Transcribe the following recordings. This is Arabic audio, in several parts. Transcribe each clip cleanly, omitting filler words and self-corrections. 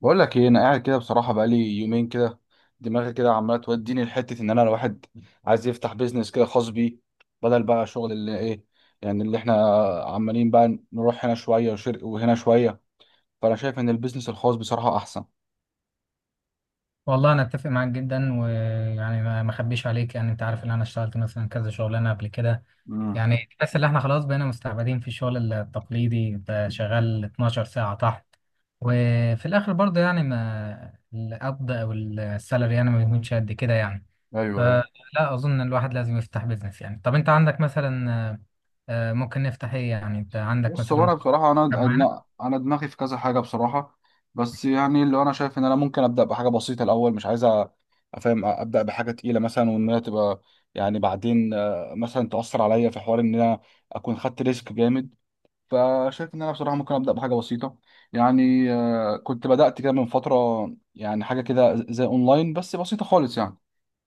بقول لك ايه، انا قاعد كده بصراحه بقالي يومين كده. دماغي كده عماله توديني لحته ان انا الواحد عايز يفتح بيزنس كده خاص بيه، بدل بقى شغل اللي ايه يعني اللي احنا عمالين بقى نروح هنا شويه وشرق وهنا شويه. فانا شايف ان البيزنس الخاص بصراحه احسن. والله انا اتفق معاك جدا ويعني ما اخبيش عليك يعني انت عارف ان انا اشتغلت مثلا كذا شغلانه قبل كده. امم. يعني تحس ان احنا خلاص بقينا مستعبدين في الشغل التقليدي، انت شغال 12 ساعه تحت وفي الاخر برضه يعني ما القبض او السالري يعني ما بيكونش قد كده يعني. ايوه، ايوه. فلا اظن ان الواحد لازم يفتح بيزنس. يعني طب انت عندك مثلا ممكن نفتح ايه، يعني انت عندك بص، هو مثلا انا بصراحه انا كان معانا. لا انا دماغي في كذا حاجه بصراحه. بس يعني اللي انا شايف ان انا ممكن ابدا بحاجه بسيطه الاول، مش عايز افهم، ابدا بحاجه تقيله مثلا وان هي تبقى يعني بعدين مثلا تاثر عليا في حوار ان انا اكون خدت ريسك جامد. فشايف ان انا بصراحه ممكن ابدا بحاجه بسيطه. يعني كنت بدات كده من فتره، يعني حاجه كده زي اونلاين بس بسيطه خالص يعني،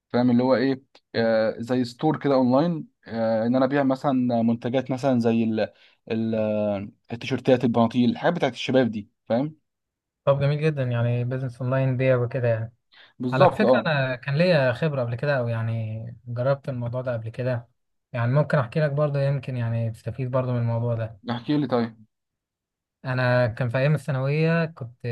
فاهم اللي هو ايه. آه، زي ستور كده اونلاين، آه، ان انا ابيع مثلا منتجات مثلا زي ال التيشيرتات، البناطيل، الحاجات بتاعت الشباب دي، فاهم. طب جميل جدا يعني بيزنس اونلاين بيع وكده يعني. على بالظبط، فكرة اه. أنا كان ليا خبرة قبل كده أو يعني جربت الموضوع ده قبل كده، يعني ممكن أحكي لك برضه يمكن يعني تستفيد برضه من الموضوع ده. احكي لي طيب. أنا كان في أيام الثانوية كنت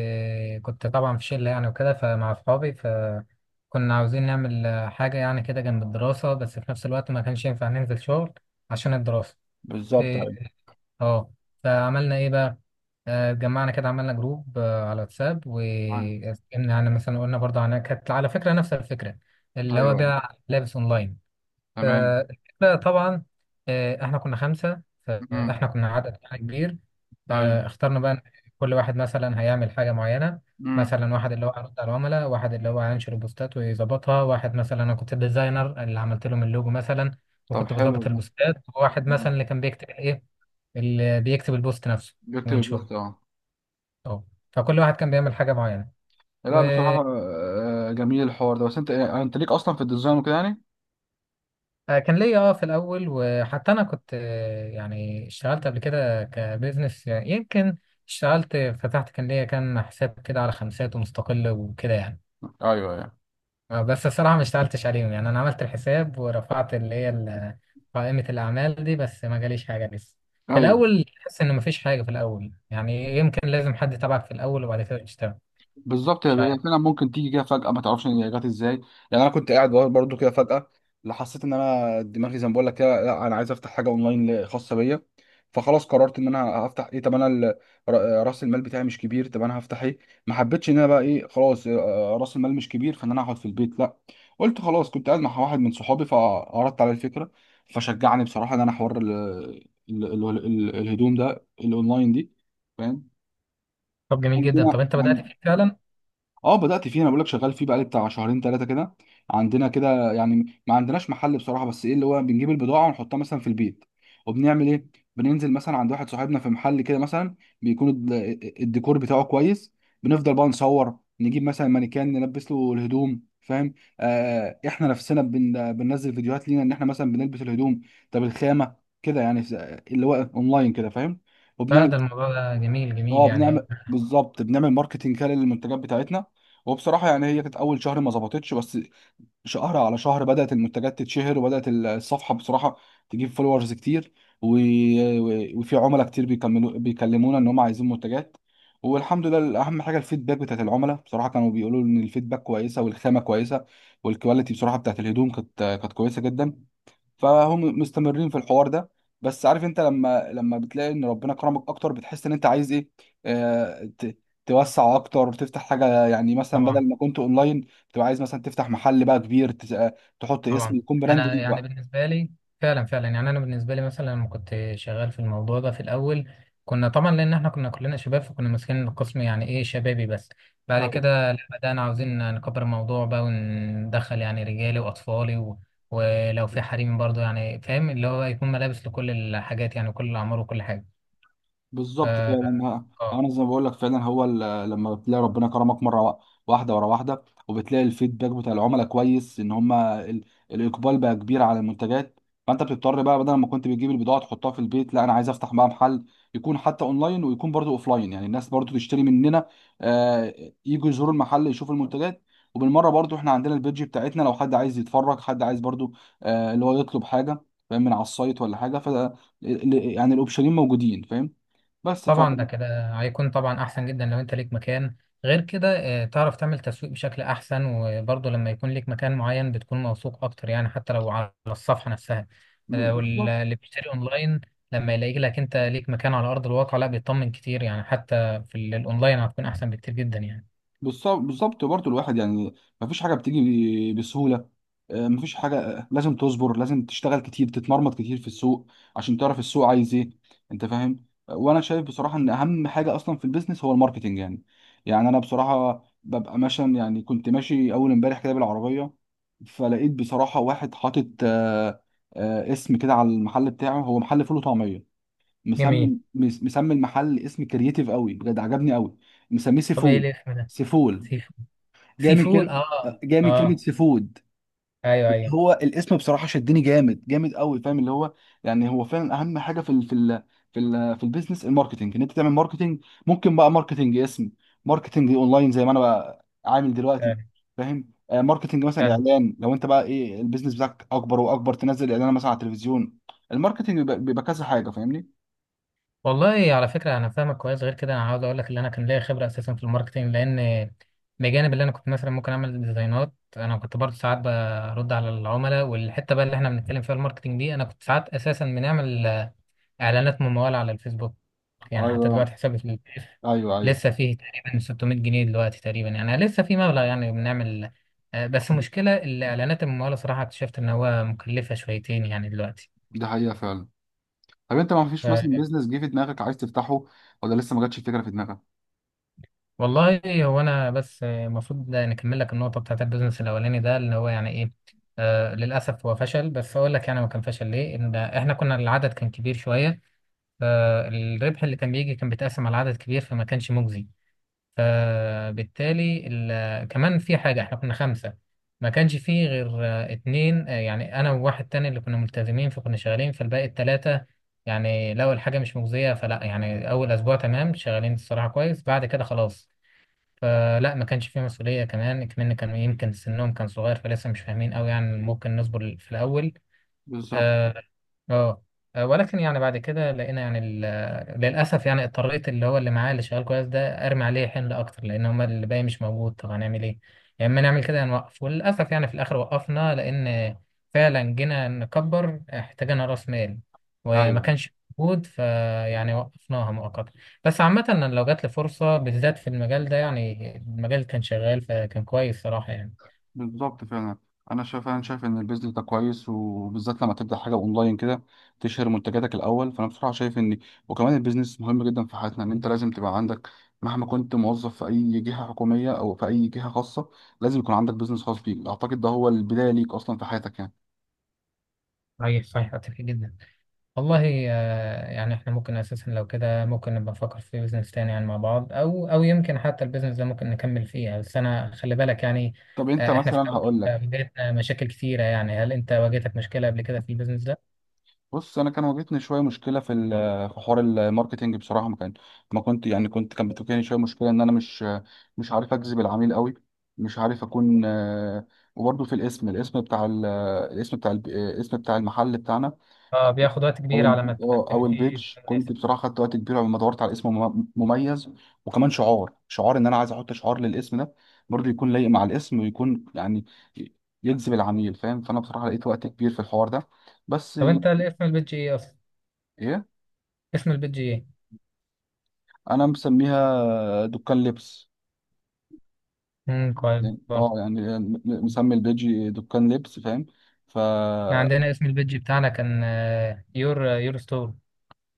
كنت طبعا في شلة يعني وكده فمع أصحابي، فكنا عاوزين نعمل حاجة يعني كده جنب الدراسة، بس في نفس الوقت ما كانش ينفع ننزل شغل عشان الدراسة. بالظبط. ايوه، اه. فعملنا ايه بقى؟ اتجمعنا كده عملنا جروب على واتساب ايوه. واتكلمنا، يعني مثلا قلنا برضه، عن كانت على فكره نفس الفكره اللي هو أيوة، بيع لابس اونلاين. تمام. فالفكره طبعا احنا كنا خمسه امم. فاحنا كنا عدد يعني كبير. ايوه. اخترنا بقى كل واحد مثلا هيعمل حاجه معينه. امم. مثلا واحد اللي هو هيرد على العملاء، واحد اللي هو هينشر بوستات ويظبطها، واحد مثلا انا كنت الديزاينر اللي عملت لهم اللوجو مثلا طب وكنت حلو. بظبط البوستات، وواحد أمم. مثلا اللي كان بيكتب ايه، اللي بيكتب البوست نفسه جبت وينشره. البوست، اه. اه. فكل واحد كان بيعمل حاجة معينة. لا وكان بصراحة جميل الحوار ده، بس انت انت ليك اصلا في الديزاين وكده يعني؟ ليا اه في الأول، وحتى أنا كنت يعني اشتغلت قبل كده كبزنس يعني، يمكن اشتغلت فتحت كان ليا كان حساب كده على خمسات ومستقل وكده يعني. ايوه، ايوه. بس الصراحة ما اشتغلتش عليهم، يعني أنا عملت الحساب ورفعت اللي هي قائمة الأعمال دي، بس ما جاليش حاجة لسه. في ايوه. الأول تحس إن مفيش حاجة، في الأول يعني يمكن لازم حد تبعك في الأول وبعد كده تشتغل. بالظبط، هي مش هي عارف. فعلا ممكن تيجي كده فجأة، ما تعرفش هي جت ازاي. يعني انا كنت قاعد برضو كده فجأة، لا حسيت ان انا دماغي زي ما بقول لك كده، لا انا عايز افتح حاجة اونلاين خاصة بيا. فخلاص قررت ان انا هفتح ايه. طب انا راس المال بتاعي مش كبير، طب انا هفتح ايه؟ ما حبيتش ان انا بقى ايه خلاص، راس المال مش كبير فان انا اقعد في البيت، لا. قلت خلاص، كنت قاعد مع واحد من صحابي فعرضت عليه الفكرة فشجعني بصراحة ان انا حوار الهدوم ده الاونلاين دي، فاهم. طب جميل جدا، طب عندنا، انت بدأت فيه فعلا؟ اه بدأت فيه. انا بقول لك شغال فيه بقالي بتاع شهرين ثلاثة كده. عندنا كده يعني ما عندناش محل بصراحة، بس ايه اللي هو بنجيب البضاعة ونحطها مثلا في البيت. وبنعمل ايه، بننزل مثلا عند واحد صاحبنا في محل كده مثلا، بيكون الديكور بتاعه كويس. بنفضل بقى نصور، نجيب مثلا مانيكان نلبس له الهدوم، فاهم. آه، احنا نفسنا بننزل فيديوهات لينا ان احنا مثلا بنلبس الهدوم. طب الخامة، كده يعني اللي هو اونلاين كده، فاهم. لا ده الموضوع ده جميل جميل اه، يعني. بنعمل بالظبط، بنعمل ماركتنج كده للمنتجات بتاعتنا. وبصراحه يعني هي كانت اول شهر ما ظبطتش، بس شهر على شهر بدات المنتجات تتشهر، وبدات الصفحه بصراحه تجيب فولورز كتير. و... وفي عملاء كتير بيكملوا بيكلمونا ان هم عايزين منتجات، والحمد لله. اهم حاجه الفيدباك بتاعت العملاء بصراحه كانوا بيقولوا ان الفيدباك كويسه والخامه كويسه، والكواليتي بصراحه بتاعت الهدوم كانت كويسه جدا. فهم مستمرين في الحوار ده. بس عارف انت لما بتلاقي ان ربنا كرمك اكتر، بتحس ان انت عايز ايه. آه، توسع اكتر، تفتح حاجه يعني مثلا طبعا. بدل ما كنت اونلاين بتبقى عايز مثلا تفتح محل بقى كبير، تحط اسم طبعا. يكون براند انا ليك يعني بالنسبه لي، فعلا فعلا يعني انا بالنسبه لي مثلا لما كنت شغال في الموضوع ده في الاول، كنا طبعا لان احنا كنا كلنا شباب فكنا ماسكين القسم يعني ايه شبابي، بس بعد بقى. كده لا، بدانا عاوزين نكبر الموضوع بقى وندخل يعني رجالي واطفالي ولو في حريم برضه يعني، فاهم اللي هو يكون ملابس لكل الحاجات يعني كل الاعمار وكل حاجه. ف... بالظبط، فعلا. اه. انا زي ما بقول لك فعلا هو لما بتلاقي ربنا كرمك مره واحده ورا واحده، وبتلاقي الفيدباك بتاع العملاء كويس ان هم الاقبال بقى كبير على المنتجات، فانت بتضطر بقى بدل ما كنت بتجيب البضاعه تحطها في البيت، لا انا عايز افتح بقى محل يكون حتى اونلاين ويكون برضو اوفلاين، يعني الناس برضو تشتري مننا، آه، يجوا يزوروا المحل يشوفوا المنتجات. وبالمره برضو احنا عندنا البيدج بتاعتنا، لو حد عايز يتفرج، حد عايز برضو اللي هو يطلب حاجه، فاهم، من على السايت ولا حاجه، ف يعني الاوبشنين موجودين، فاهم. بس ف، طبعا ده كده هيكون طبعا احسن جدا لو انت ليك مكان. غير كده تعرف تعمل تسويق بشكل احسن، وبرضه لما يكون ليك مكان معين بتكون موثوق اكتر يعني حتى لو على الصفحة نفسها. بالظبط. واللي بيشتري اونلاين لما يلاقي لك انت ليك مكان على ارض الواقع لا بيطمن كتير يعني، حتى في الاونلاين هتكون احسن بكتير جدا يعني. بالظبط برضه الواحد يعني مفيش حاجه بتيجي بسهوله، مفيش حاجه، لازم تصبر، لازم تشتغل كتير، تتمرمط كتير في السوق عشان تعرف السوق عايز ايه، انت فاهم. وانا شايف بصراحه ان اهم حاجه اصلا في البيزنس هو الماركتنج يعني. يعني انا بصراحه ببقى ماشي، يعني كنت ماشي اول امبارح كده بالعربيه، فلقيت بصراحه واحد حاطط اسم كده على المحل بتاعه، هو محل فول وطعميه. جميل. مسمي مسمي المحل اسم كرييتيف قوي بجد، عجبني قوي. مسميه طب ايه سيفول. الاسم ده؟ سيفول سيفو جاي من سيفول. كلمه، اه جاي من كلمه اه. سيفود. ايوه ايوه. هو الاسم بصراحه شدني جامد جامد قوي، فاهم اللي هو. يعني هو فعلا اهم حاجه في البيزنس الماركتنج، ان انت تعمل ماركتنج. ممكن بقى ماركتنج اسم، ماركتنج اونلاين زي ما انا بقى عامل دلوقتي، فاهم. ماركتنج مثلا فعلا. اعلان، لو انت بقى ايه البيزنس بتاعك اكبر واكبر، تنزل اعلان مثلا على التلفزيون. الماركتنج بيبقى كذا حاجه، فاهمني. والله على فكرة أنا فاهمك كويس، غير كده أنا عاوز أقول لك إن أنا كان ليا خبرة أساسا في الماركتينج، لأن بجانب اللي أنا كنت مثلا ممكن أعمل ديزاينات، أنا كنت برضه ساعات برد على العملاء، والحتة بقى اللي إحنا بنتكلم فيها الماركتينج دي أنا كنت ساعات أساسا بنعمل إعلانات ممولة على الفيسبوك. يعني حتى ايوه، دلوقتي حسابي في البيف ايوه، ايوه. لسه فيه تقريبا 600 جنيه دلوقتي، تقريبا يعني لسه في مبلغ يعني بنعمل بس المشكلة الإعلانات الممولة صراحة اكتشفت إن هو مكلفة شويتين يعني دلوقتي. دي حقيقة فعلا. طب انت ما فيش مثلا بيزنس جه في دماغك عايز تفتحه ولا لسه ما جاتش الفكرة في دماغك؟ والله هو انا بس المفروض نكمل لك النقطه بتاعت البيزنس الاولاني ده اللي هو يعني ايه. آه للاسف هو فشل، بس اقول لك يعني ما كان فشل ليه، ان احنا كنا العدد كان كبير شويه، فالربح اللي كان بيجي كان بيتقسم على عدد كبير فما كانش مجزي. فبالتالي كمان في حاجه، احنا كنا خمسه ما كانش فيه غير اتنين، يعني انا وواحد تاني اللي كنا ملتزمين فكنا شغالين، فالباقي التلاته يعني لو الحاجه مش مجزيه فلا، يعني اول اسبوع تمام شغالين الصراحه كويس، بعد كده خلاص فلا. ما كانش فيه مسؤولية كمان كمان، كانوا يمكن سنهم كان صغير فلسه مش فاهمين قوي يعني، ممكن نصبر في الأول. بالظبط، آه، اه. ولكن يعني بعد كده لقينا يعني للاسف يعني اضطريت اللي هو اللي معايا اللي شغال كويس ده ارمي عليه حمل اكتر، لان هما اللي باقي مش موجود طب هنعمل ايه؟ يا اما نعمل كده يا نوقف، وللاسف يعني في الاخر وقفنا، لان فعلا جينا نكبر احتاجنا راس مال وما ايوه. كانش موجود، فيعني وقفناها مؤقتا. بس عامة أنا لو جات لي فرصة بالذات في المجال ده، يعني المجال كان شغال فكان كويس صراحة يعني. بالظبط فعلا. انا شايف ان البيزنس ده كويس، وبالذات لما تبدا حاجه اونلاين كده تشهر منتجاتك الاول. فانا بصراحه شايف ان، وكمان البيزنس مهم جدا في حياتنا، ان انت لازم تبقى عندك مهما كنت موظف في اي جهه حكوميه او في اي جهه خاصه، لازم يكون عندك بيزنس خاص بيك. اعتقد ده هو البدايه ليك اصلا في حياتك يعني. صحيح صحيح، أتفق جدا. والله يعني احنا ممكن اساسا لو كده ممكن نبقى نفكر في بيزنس تاني يعني مع بعض، او او يمكن حتى البيزنس ده ممكن نكمل فيه، بس انا خلي بالك يعني. طب انت احنا في مثلا الاول هقول لك. بدايتنا مشاكل كتيرة، يعني هل انت واجهتك مشكلة قبل كده في البيزنس ده؟ بص انا كان واجهتني شويه مشكله في في حوار الماركتينج بصراحه، ما كان ما كنت يعني كنت كان بتواجهني شويه مشكله ان انا مش مش عارف اجذب العميل قوي، مش عارف اكون، آه، وبرضه في الاسم، الاسم بتاع الاسم بتاع الاسم بتاع المحل بتاعنا، اه بياخد وقت او كبير على ما او تتأكد فيه البيج، اسم كنت مناسب. بصراحه خدت وقت كبير لما دورت على اسم مميز. وكمان شعار، شعار ان انا عايز احط شعار للاسم ده برضه يكون لايق مع الاسم ويكون يعني يجذب العميل، فاهم. فانا بصراحه لقيت وقت كبير في الحوار ده. بس طب ايه، انت اسم البيدج ايه اصلا؟ اسم البيدج ايه؟ انا مسميها دكان لبس. كويس يعني اه، برضه. يعني مسمي البيج دكان لبس، فاهم. ف احنا عندنا اسم البيدج بتاعنا كان يور ستور.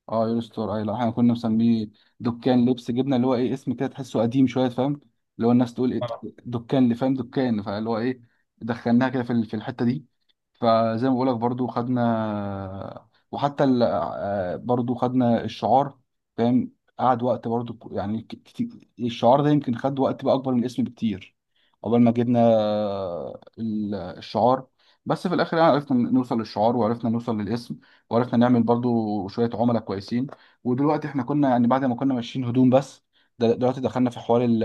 اه، يور ستور، اي لا احنا كنا مسميه دكان لبس. جبنا اللي هو ايه اسم كده تحسه قديم شويه، فاهم اللي هو الناس تقول ايه، آه. دكان اللي فاهم، دكان، فاللي هو ايه دخلناها كده في في الحته دي. فزي ما بقولك برضو خدنا، وحتى ال... آه، برضو خدنا الشعار، فاهم. قعد وقت برضو كتير، الشعار ده يمكن خد وقت بقى اكبر من الاسم بكتير، عقبال ما جبنا الشعار. بس في الاخر يعني عرفنا نوصل للشعار، وعرفنا نوصل للاسم، وعرفنا نعمل برضو شوية عملاء كويسين. ودلوقتي احنا كنا يعني بعد ما كنا ماشيين هدوم بس، دلوقتي دخلنا في حوار ال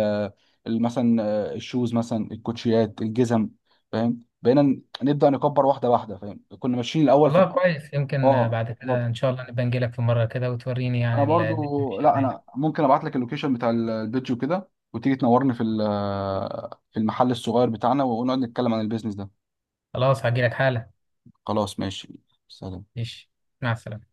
ال- مثلا الشوز مثلا، الكوتشيات، الجزم، فاهم. بقينا نبدأ نكبر واحدة واحدة، فاهم كنا ماشيين الأول في. والله كويس، يمكن اه، بعد كده ان بالظبط. شاء الله نبقى نجيلك في مرة كده وتوريني انا يعني برضو، الدنيا ماشية لا ازاي. انا ممكن ابعت لك اللوكيشن بتاع البيج وكده، وتيجي تنورني في في المحل الصغير بتاعنا، ونقعد نتكلم عن البيزنس ده. خلاص هجيلك حالا. خلاص ماشي. سلام. ماشي. مع السلامة.